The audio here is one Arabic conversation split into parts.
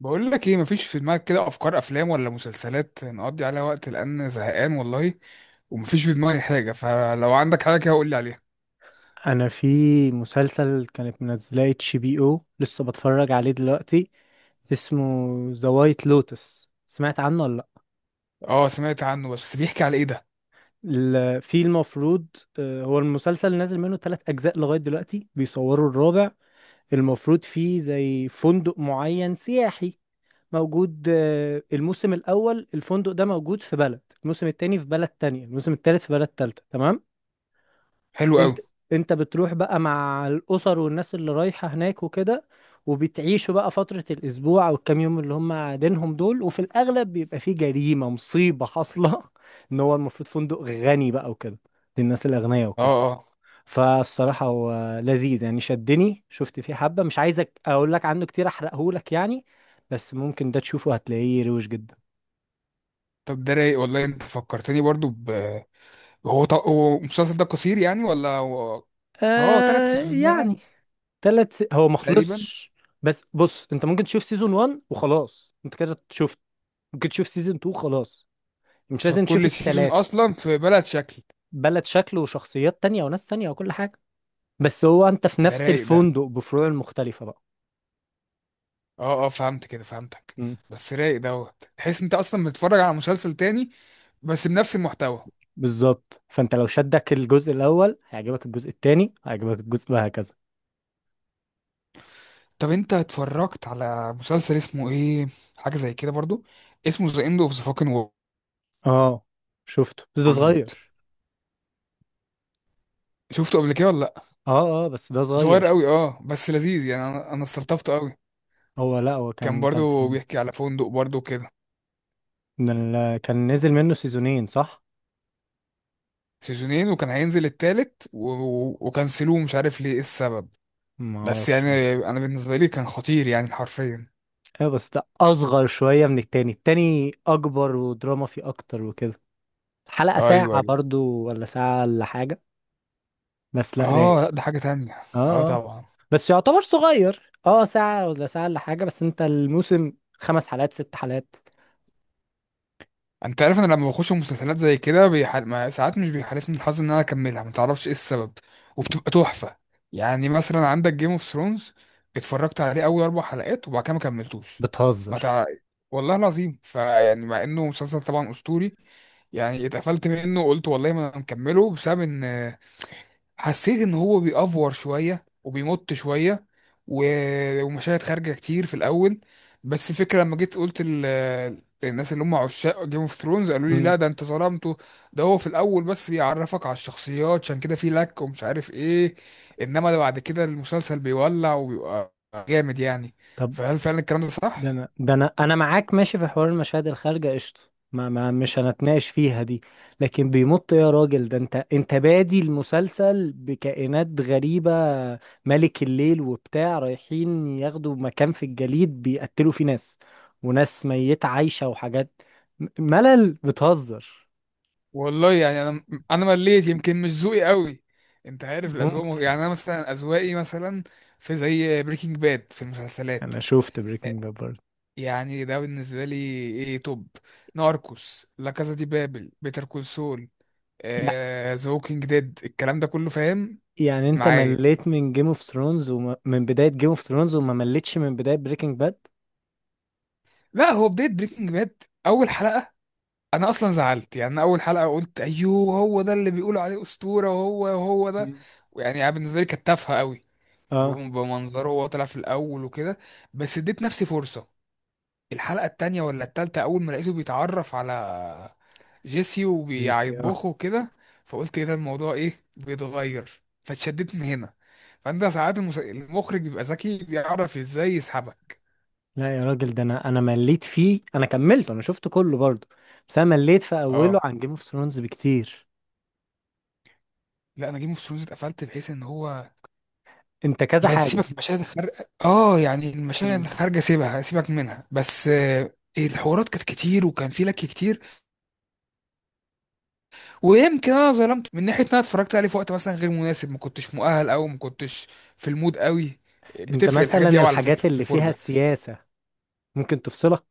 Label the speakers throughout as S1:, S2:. S1: بقول لك ايه، مفيش في دماغك كده افكار افلام ولا مسلسلات نقضي عليها وقت لان زهقان والله. ومفيش في دماغي حاجه، فلو عندك حاجه كده قول لي عليها.
S2: انا في مسلسل كانت منزلاه اتش بي او لسه بتفرج عليه دلوقتي. اسمه ذا وايت لوتس، سمعت عنه ولا لا؟
S1: اه، سمعت عنه بس بيحكي على ايه ده؟
S2: في المفروض، هو المسلسل نازل منه ثلاث اجزاء لغايه دلوقتي، بيصوروا الرابع. المفروض فيه زي فندق معين سياحي موجود. الموسم الاول الفندق ده موجود في بلد، الموسم التاني في بلد تانية، الموسم التالت في بلد تالتة، تمام؟
S1: حلو قوي.
S2: انت انت بتروح بقى مع الاسر والناس اللي رايحة هناك وكده، وبتعيشوا بقى فترة الأسبوع أو الكام يوم اللي هم قاعدينهم دول، وفي الأغلب بيبقى فيه جريمة مصيبة حاصلة إن هو المفروض فندق غني بقى وكده، للناس الأغنياء
S1: اه،
S2: وكده.
S1: اه.
S2: فالصراحة هو لذيذ يعني، شدني، شفت فيه حبة. مش عايزك أقول لك عنه كتير، أحرقهولك يعني. بس ممكن ده تشوفه هتلاقيه روش جدا.
S1: طب ده رايق والله. انت فكرتني برضو ب... هو المسلسل ده قصير يعني ولا هو؟ اه، ثلاث
S2: آه يعني.
S1: سيزونات
S2: هو ما
S1: تقريبا.
S2: خلصش. بس بص، انت ممكن تشوف سيزون 1 وخلاص، انت كده شفت. ممكن تشوف سيزون 2 خلاص، مش
S1: عشان
S2: لازم تشوف
S1: كل سيزون
S2: التلاتة.
S1: اصلا في بلد شكل.
S2: بلد شكل وشخصيات تانية وناس تانية وكل حاجة، بس هو انت في
S1: ده
S2: نفس
S1: رايق ده.
S2: الفندق بفروع مختلفة بقى.
S1: اه، اه، فهمت كده، فهمتك.
S2: مم.
S1: بس رايق دوت، تحس انت اصلا بتتفرج على مسلسل تاني بس بنفس المحتوى.
S2: بالظبط، فانت لو شدك الجزء الاول هيعجبك الجزء التاني، هيعجبك الجزء وهكذا.
S1: طب انت اتفرجت على مسلسل اسمه ايه، حاجه زي كده برضو، اسمه ذا اند اوف ذا فاكن
S2: اه، شفته بس ده
S1: وورلد؟
S2: صغير.
S1: شفته قبل كده ولا لا؟
S2: اه اه، بس ده
S1: صغير
S2: صغير.
S1: قوي، اه، بس لذيذ يعني. انا استلطفته قوي.
S2: هو لا، هو
S1: كان
S2: كان كان
S1: برضو
S2: كان
S1: بيحكي على فندق برضو كده.
S2: كان نزل منه سيزونين صح.
S1: سيزونين، وكان هينزل التالت و... و- وكنسلوه، مش عارف ليه ايه السبب.
S2: ما
S1: بس
S2: اعرفش،
S1: يعني،
S2: مش.
S1: انا بالنسبه لي كان خطير يعني حرفيا.
S2: ايوه بس ده اصغر شويه من التاني، التاني اكبر ودراما فيه اكتر وكده. الحلقه ساعه
S1: ايوه، ايوه.
S2: برضو ولا ساعه ولا حاجه؟ بس لا،
S1: اه،
S2: رايق.
S1: لا ده حاجه تانية.
S2: اه
S1: اه،
S2: اه.
S1: طبعا.
S2: بس يعتبر صغير، اه، ساعه ولا ساعه ولا حاجه، بس انت الموسم خمس حلقات ست حلقات.
S1: انت عارف انا لما بخش مسلسلات زي كده بيحل... ما- ساعات مش بيحالفني الحظ ان انا اكملها، ما تعرفش ايه السبب. وبتبقى تحفه. يعني مثلا عندك جيم اوف ثرونز، اتفرجت عليه اول 4 حلقات وبعد كده ما كملتوش. ما
S2: بتهزر.
S1: تع... والله العظيم. فيعني مع انه مسلسل طبعا اسطوري، يعني اتقفلت منه وقلت والله ما انا مكمله، بسبب ان حسيت ان هو بيأفور شويه وبيمط شويه و... ومشاهد خارجه كتير في الاول. بس الفكره لما جيت قلت الناس اللي هم عشاق جيم اوف ثرونز قالوا لي
S2: امم.
S1: لا ده انت ظلمته. ده هو في الاول بس بيعرفك على الشخصيات عشان كده في لك ومش عارف ايه. انما ده بعد كده المسلسل بيولع وبيبقى جامد يعني.
S2: طب
S1: فهل فعلا الكلام ده
S2: ده
S1: صح؟
S2: انا ده انا انا معاك ماشي في حوار المشاهد الخارجه قشطه، ما مش هنتناقش فيها دي. لكن بيمط يا راجل! ده انت بادي المسلسل بكائنات غريبه، ملك الليل وبتاع، رايحين ياخدوا مكان في الجليد بيقتلوا فيه ناس، وناس ميته عايشه وحاجات. ملل، بتهزر.
S1: والله يعني انا مليت، يمكن مش ذوقي قوي. انت عارف الاذواق
S2: ممكن.
S1: يعني انا مثلا، اذواقي مثلا، في زي بريكنج باد في المسلسلات.
S2: انا شفت بريكنج باد برضه.
S1: يعني ده بالنسبه لي ايه، توب. ناركوس، لا كازا دي بابل، بيتر كول سول،
S2: يع-
S1: ذا ووكينج ديد، الكلام ده كله، فاهم
S2: يعني انت
S1: معايا؟
S2: مليت من جيم اوف ثرونز ومن بدايه جيم اوف ثرونز، وما مليتش من بدايه بريكنج باد؟
S1: لا، هو بدايه بريكنج باد اول حلقه. انا اصلا زعلت يعني. أنا اول حلقه قلت ايوه، هو ده اللي بيقولوا عليه اسطوره؟ وهو ده. يعني بالنسبه لي كانت تافهه قوي،
S2: اه،
S1: وبمنظره وهو طلع في الاول وكده. بس اديت نفسي فرصه. الحلقه التانية ولا التالتة، اول ما لقيته بيتعرف على جيسي
S2: جي سي، اه.
S1: وبيطبخه وكده، فقلت ايه ده، الموضوع ايه بيتغير، فاتشددت من هنا. فانت ساعات المخرج بيبقى ذكي، بيعرف ازاي يسحبك.
S2: لا يا راجل، ده انا مليت فيه، انا كملته، انا شفته كله برضه. بس انا مليت في اوله
S1: اه،
S2: عن جيم اوف ثرونز بكتير.
S1: لا، انا جيم اوف ثرونز اتقفلت بحيث ان هو،
S2: انت كذا
S1: يعني
S2: حاجه.
S1: سيبك من المشاهد الخارجه، اه يعني المشاهد
S2: مم.
S1: الخارجه سيبها، سيبك منها، بس الحوارات كانت كتير وكان في لك كتير. ويمكن انا ظلمت من ناحيه ان انا اتفرجت عليه في وقت مثلا غير مناسب، ما كنتش مؤهل او ما كنتش في المود قوي.
S2: انت
S1: بتفرق
S2: مثلا
S1: الحاجات دي قوي على
S2: الحاجات
S1: فكره في
S2: اللي فيها
S1: الفرجه.
S2: السياسه ممكن تفصلك.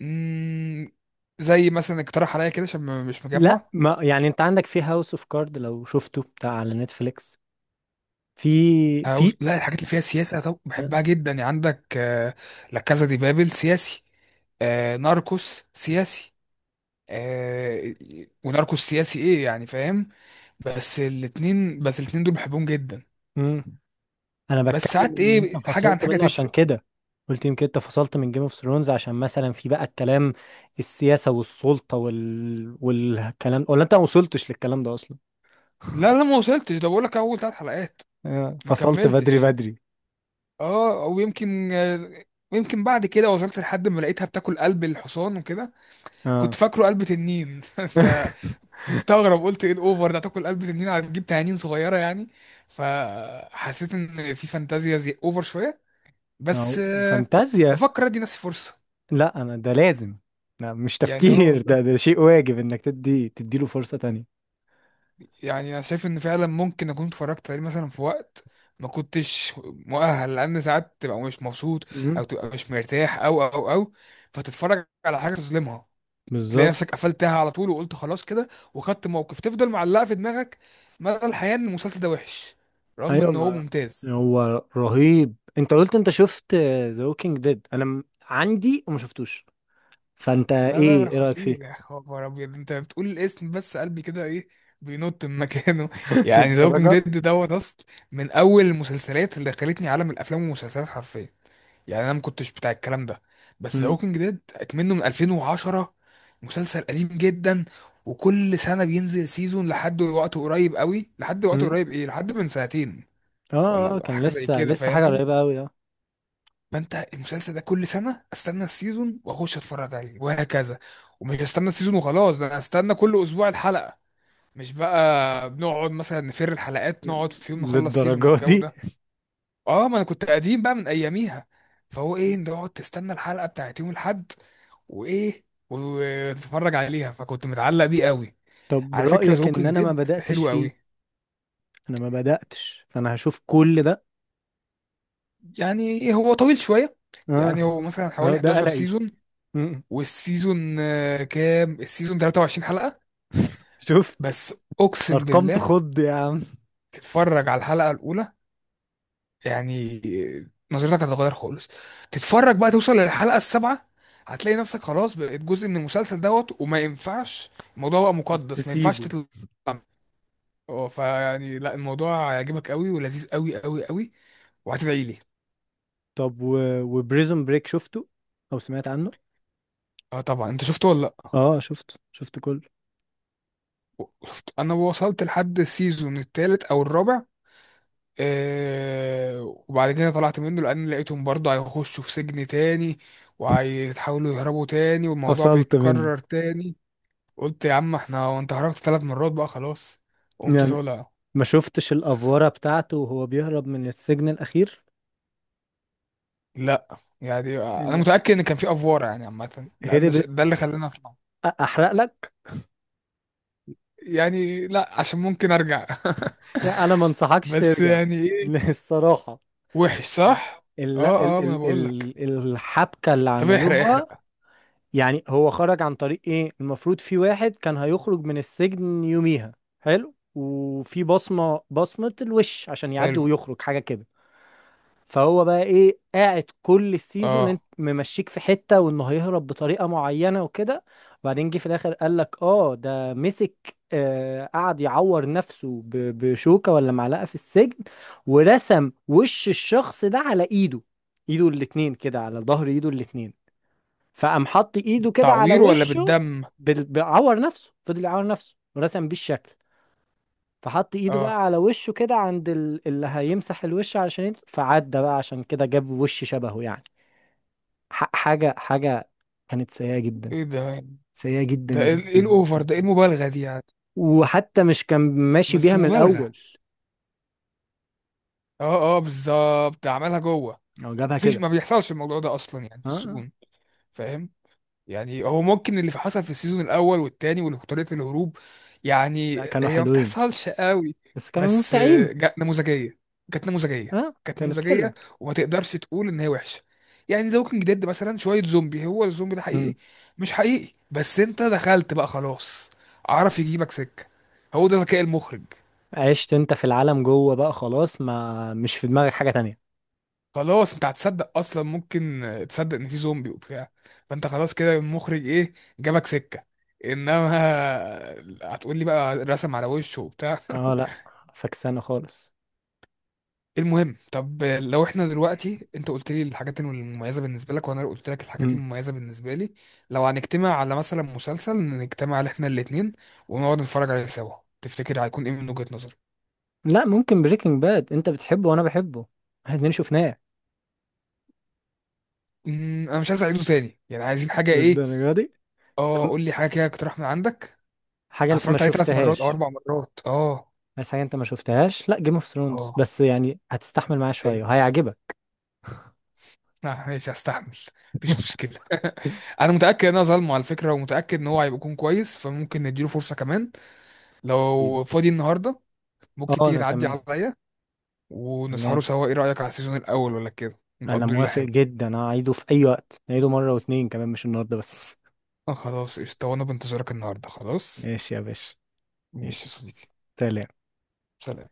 S1: امم زي مثلا اقترح عليا كده عشان مش
S2: لا،
S1: مجمع.
S2: ما يعني انت عندك في هاوس اوف كارد، لو شفته بتاع على نتفليكس، في، في.
S1: هاوس، لا، الحاجات اللي فيها سياسه طب بحبها جدا يعني. عندك لا كازا دي بابل سياسي، ناركوس سياسي، آه، وناركوس سياسي ايه يعني، فاهم. بس الاتنين دول بحبهم جدا.
S2: مم. انا
S1: بس
S2: بتكلم
S1: ساعات
S2: ان
S1: ايه،
S2: انت
S1: حاجه عن
S2: فصلت
S1: حاجه
S2: منه عشان
S1: تفرق.
S2: كده. قلت يمكن انت فصلت من جيم اوف ثرونز عشان مثلا في بقى الكلام السياسة والسلطة والكلام، ولا انت ما وصلتش للكلام ده اصلا؟
S1: لا، لا، ما وصلتش، ده بقول لك اول 3 حلقات. ما
S2: فصلت بدري
S1: كملتش.
S2: بدري.
S1: اه، او يمكن، يمكن بعد كده وصلت لحد ما لقيتها بتاكل قلب الحصان وكده. كنت
S2: اه.
S1: فاكره قلب تنين. فمستغرب قلت ايه الاوفر ده، تاكل قلب تنين هتجيب تنانين صغيره يعني؟ فحسيت ان في فانتازيا زي اوفر شويه.
S2: ما
S1: بس
S2: هو فانتازيا.
S1: بفكر ادي نفسي فرصه.
S2: لا انا ده لازم. لا مش
S1: يعني، اه
S2: تفكير
S1: والله.
S2: ده شيء واجب انك تديله فرصة تانية.
S1: يعني انا شايف ان فعلا ممكن اكون اتفرجت عليه مثلا في وقت ما كنتش مؤهل، لان ساعات تبقى مش مبسوط
S2: امم.
S1: او تبقى مش مرتاح، او فتتفرج على حاجه تظلمها. تلاقي نفسك
S2: بالظبط.
S1: قفلتها على طول وقلت خلاص كده، وخدت موقف تفضل معلقه في دماغك مدى الحياه ان المسلسل ده وحش، رغم
S2: ايوه.
S1: ان هو
S2: ما
S1: ممتاز.
S2: هو رهيب. انت قلت انت شفت ذا ووكينج ديد، انا عندي وما شفتوش، فانت
S1: لا، لا،
S2: ايه
S1: لا،
S2: ايه رايك فيه؟
S1: خطير، يا خبر ابيض، انت بتقول الاسم بس قلبي كده ايه، بينط من مكانه. يعني ذا ووكينج
S2: للدرجة.
S1: ديد دوت اصل، من اول المسلسلات اللي دخلتني عالم الافلام والمسلسلات حرفيا. يعني انا ما كنتش بتاع الكلام ده، بس ذا
S2: امم.
S1: ووكينج ديد اكمنه من 2010، مسلسل قديم جدا. وكل سنه بينزل سيزون لحد وقت قريب قوي، لحد وقت
S2: امم.
S1: قريب ايه، لحد من سنتين،
S2: اه
S1: ولا
S2: اه، كان
S1: حاجه زي
S2: لسه
S1: كده،
S2: لسه حاجه
S1: فاهم.
S2: قريبه قوي، اه.
S1: فانت المسلسل ده كل سنه استنى السيزون واخش اتفرج عليه وهكذا. ومش استنى السيزون وخلاص، ده انا استنى كل اسبوع الحلقه. مش بقى بنقعد مثلا نفر الحلقات، نقعد في يوم نخلص سيزون
S2: للدرجة
S1: والجو
S2: دي.
S1: ده. اه، ما انا كنت قديم بقى من اياميها. فهو ايه، نقعد تستنى الحلقه بتاعت يوم الاحد وايه وتتفرج عليها. فكنت متعلق بيه قوي.
S2: طب
S1: على فكره، ذا
S2: رايك ان
S1: ووكينج
S2: انا ما
S1: ديد
S2: بداتش
S1: حلو
S2: فيه؟
S1: قوي.
S2: انا ما بداتش، فانا هشوف كل ده.
S1: يعني هو طويل شويه.
S2: اه
S1: يعني هو مثلا
S2: اه،
S1: حوالي
S2: ده
S1: 11
S2: قلقي.
S1: سيزون.
S2: امم.
S1: والسيزون كام، السيزون 23 حلقه.
S2: شفت.
S1: بس اقسم
S2: ارقام
S1: بالله،
S2: تخض يا عم.
S1: تتفرج على الحلقه الاولى، يعني نظرتك هتتغير خالص. تتفرج بقى، توصل للحلقة السابعة، هتلاقي نفسك خلاص بقيت جزء من المسلسل دوت، وما ينفعش الموضوع بقى مقدس، ما ينفعش
S2: تسيبه.
S1: تطلع منه. اه، فيعني لا الموضوع هيعجبك قوي، ولذيذ قوي قوي قوي. وهتدعي لي.
S2: طب وبريزون بريك شفته او سمعت عنه؟
S1: اه، طبعا. انت شفته ولا لا؟
S2: اه شفته، شفته كله.
S1: شفت، انا وصلت لحد السيزون الثالث او الرابع، آه وبعد كده طلعت منه لان لقيتهم برضه هيخشوا في سجن تاني، وهيتحاولوا يهربوا تاني والموضوع
S2: فصلت منه.
S1: بيتكرر تاني. قلت يا عم احنا، وانت خرجت 3 مرات بقى خلاص، قمت
S2: يعني
S1: طالع.
S2: ما شفتش الافوره بتاعته وهو بيهرب من السجن الاخير؟
S1: لا، يعني انا متاكد ان كان في افوار يعني عامه، لان
S2: هرب؟
S1: ده اللي خلاني اطلع.
S2: احرق لك.
S1: يعني لا، عشان ممكن ارجع.
S2: يعني انا ما انصحكش
S1: بس
S2: ترجع.
S1: يعني ايه.
S2: الصراحه.
S1: وحش، صح؟
S2: ال...
S1: اه،
S2: ال...
S1: اه، ما انا
S2: ال...
S1: بقول لك.
S2: ال... الحبكه اللي
S1: طب احرق،
S2: عملوها.
S1: احرق.
S2: يعني هو خرج عن طريق ايه؟ المفروض في واحد كان هيخرج من السجن يوميها، حلو، وفي بصمه الوش عشان يعدي
S1: حلو،
S2: ويخرج، حاجه كده. فهو بقى ايه، قاعد كل السيزون
S1: اه.
S2: انت ممشيك في حتة وانه هيهرب بطريقة معينة وكده، وبعدين جه في الاخر قال لك اه ده مسك، آه، قعد يعور نفسه بشوكة ولا معلقة في السجن، ورسم وش الشخص ده على ايده، ايده الاتنين كده، على ظهر ايده الاتنين، فقام حط ايده كده على
S1: تعوير ولا
S2: وشه.
S1: بالدم؟
S2: بيعور نفسه، فضل يعور نفسه ورسم بيه الشكل، فحط ايده
S1: اه،
S2: بقى على وشه كده عند اللي هيمسح الوش علشان فعدى بقى، عشان كده جاب وش شبهه يعني. حاجة كانت سيئة جدا،
S1: ايه ده؟
S2: سيئة جدا
S1: ده ايه،
S2: جدا
S1: ايه الاوفر ده، ايه
S2: جدا.
S1: المبالغه دي يعني؟
S2: وحتى مش كان ماشي
S1: بس
S2: بيها من
S1: مبالغه.
S2: الأول،
S1: اه، اه، بالظبط ده عملها جوه.
S2: هو جابها
S1: مفيش،
S2: كده.
S1: ما بيحصلش الموضوع ده اصلا يعني في
S2: اه آه.
S1: السجون. فاهم. يعني هو ممكن اللي حصل في السيزون الاول والتاني وطريقه الهروب، يعني
S2: لا، كانوا
S1: هي ما
S2: حلوين،
S1: بتحصلش قوي.
S2: بس كانوا
S1: بس
S2: ممتعين.
S1: نموذجيه، كانت نموذجيه،
S2: اه
S1: كانت
S2: كانت حلوة.
S1: نموذجيه. وما تقدرش تقول ان هي وحشه. يعني ذا ووكينج ديد مثلا شويه زومبي، هو الزومبي ده
S2: مم.
S1: حقيقي مش حقيقي، بس انت دخلت بقى خلاص، عرف يجيبك سكه، هو ده ذكاء المخرج.
S2: عشت انت في العالم جوه بقى خلاص، ما مش في دماغك حاجة تانية.
S1: خلاص انت هتصدق اصلا، ممكن تصدق ان في زومبي وبتاع. فانت خلاص كده المخرج ايه، جابك سكة. انما هتقول لي بقى رسم على وشه وبتاع؟
S2: اه لا، فكسانة خالص.
S1: المهم، طب لو احنا دلوقتي، انت قلت لي الحاجات المميزة بالنسبة لك وانا قلت لك الحاجات
S2: مم.
S1: المميزة بالنسبة لي، لو هنجتمع على مثلا مسلسل نجتمع على احنا الاتنين، ونقعد نتفرج عليه سوا، تفتكر هيكون ايه من وجهة نظرك؟
S2: لا ممكن بريكنج باد، انت بتحبه وانا بحبه، احنا الاتنين شفناه.
S1: انا مش عايز اعيده تاني يعني، عايزين حاجة ايه.
S2: للدرجة دي.
S1: اه،
S2: طب
S1: قول لي حاجة كده، اقترح من عندك.
S2: حاجة انت ما
S1: اتفرجت عليه ثلاث مرات او
S2: شفتهاش،
S1: اربع مرات اه.
S2: بس حاجة انت ما شفتهاش لا جيم اوف ثرونز،
S1: اه،
S2: بس يعني هتستحمل معايا
S1: حلو.
S2: شوية وهيعجبك.
S1: لا، ماشي، هستحمل، مفيش مشكله. انا متاكد ان انا ظلمه على فكره، ومتاكد ان هو هيبقى يكون كويس، فممكن نديله فرصه كمان.
S2: أكيد.
S1: لو فاضي النهارده ممكن
S2: اه
S1: تيجي
S2: انا
S1: تعدي
S2: تمام.
S1: عليا
S2: تمام،
S1: ونسهروا سوا. ايه رايك، على السيزون الاول ولا كده،
S2: انا
S1: نقضي ليله
S2: موافق
S1: حلوه.
S2: جدا، هعيده في اي وقت، نعيده مرة واتنين كمان، مش النهاردة بس.
S1: خلاص قشطه، وانا بنتظرك النهارده. خلاص.
S2: ماشي يا باشا.
S1: ماشي يا
S2: ماشي.
S1: صديقي.
S2: سلام.
S1: سلام.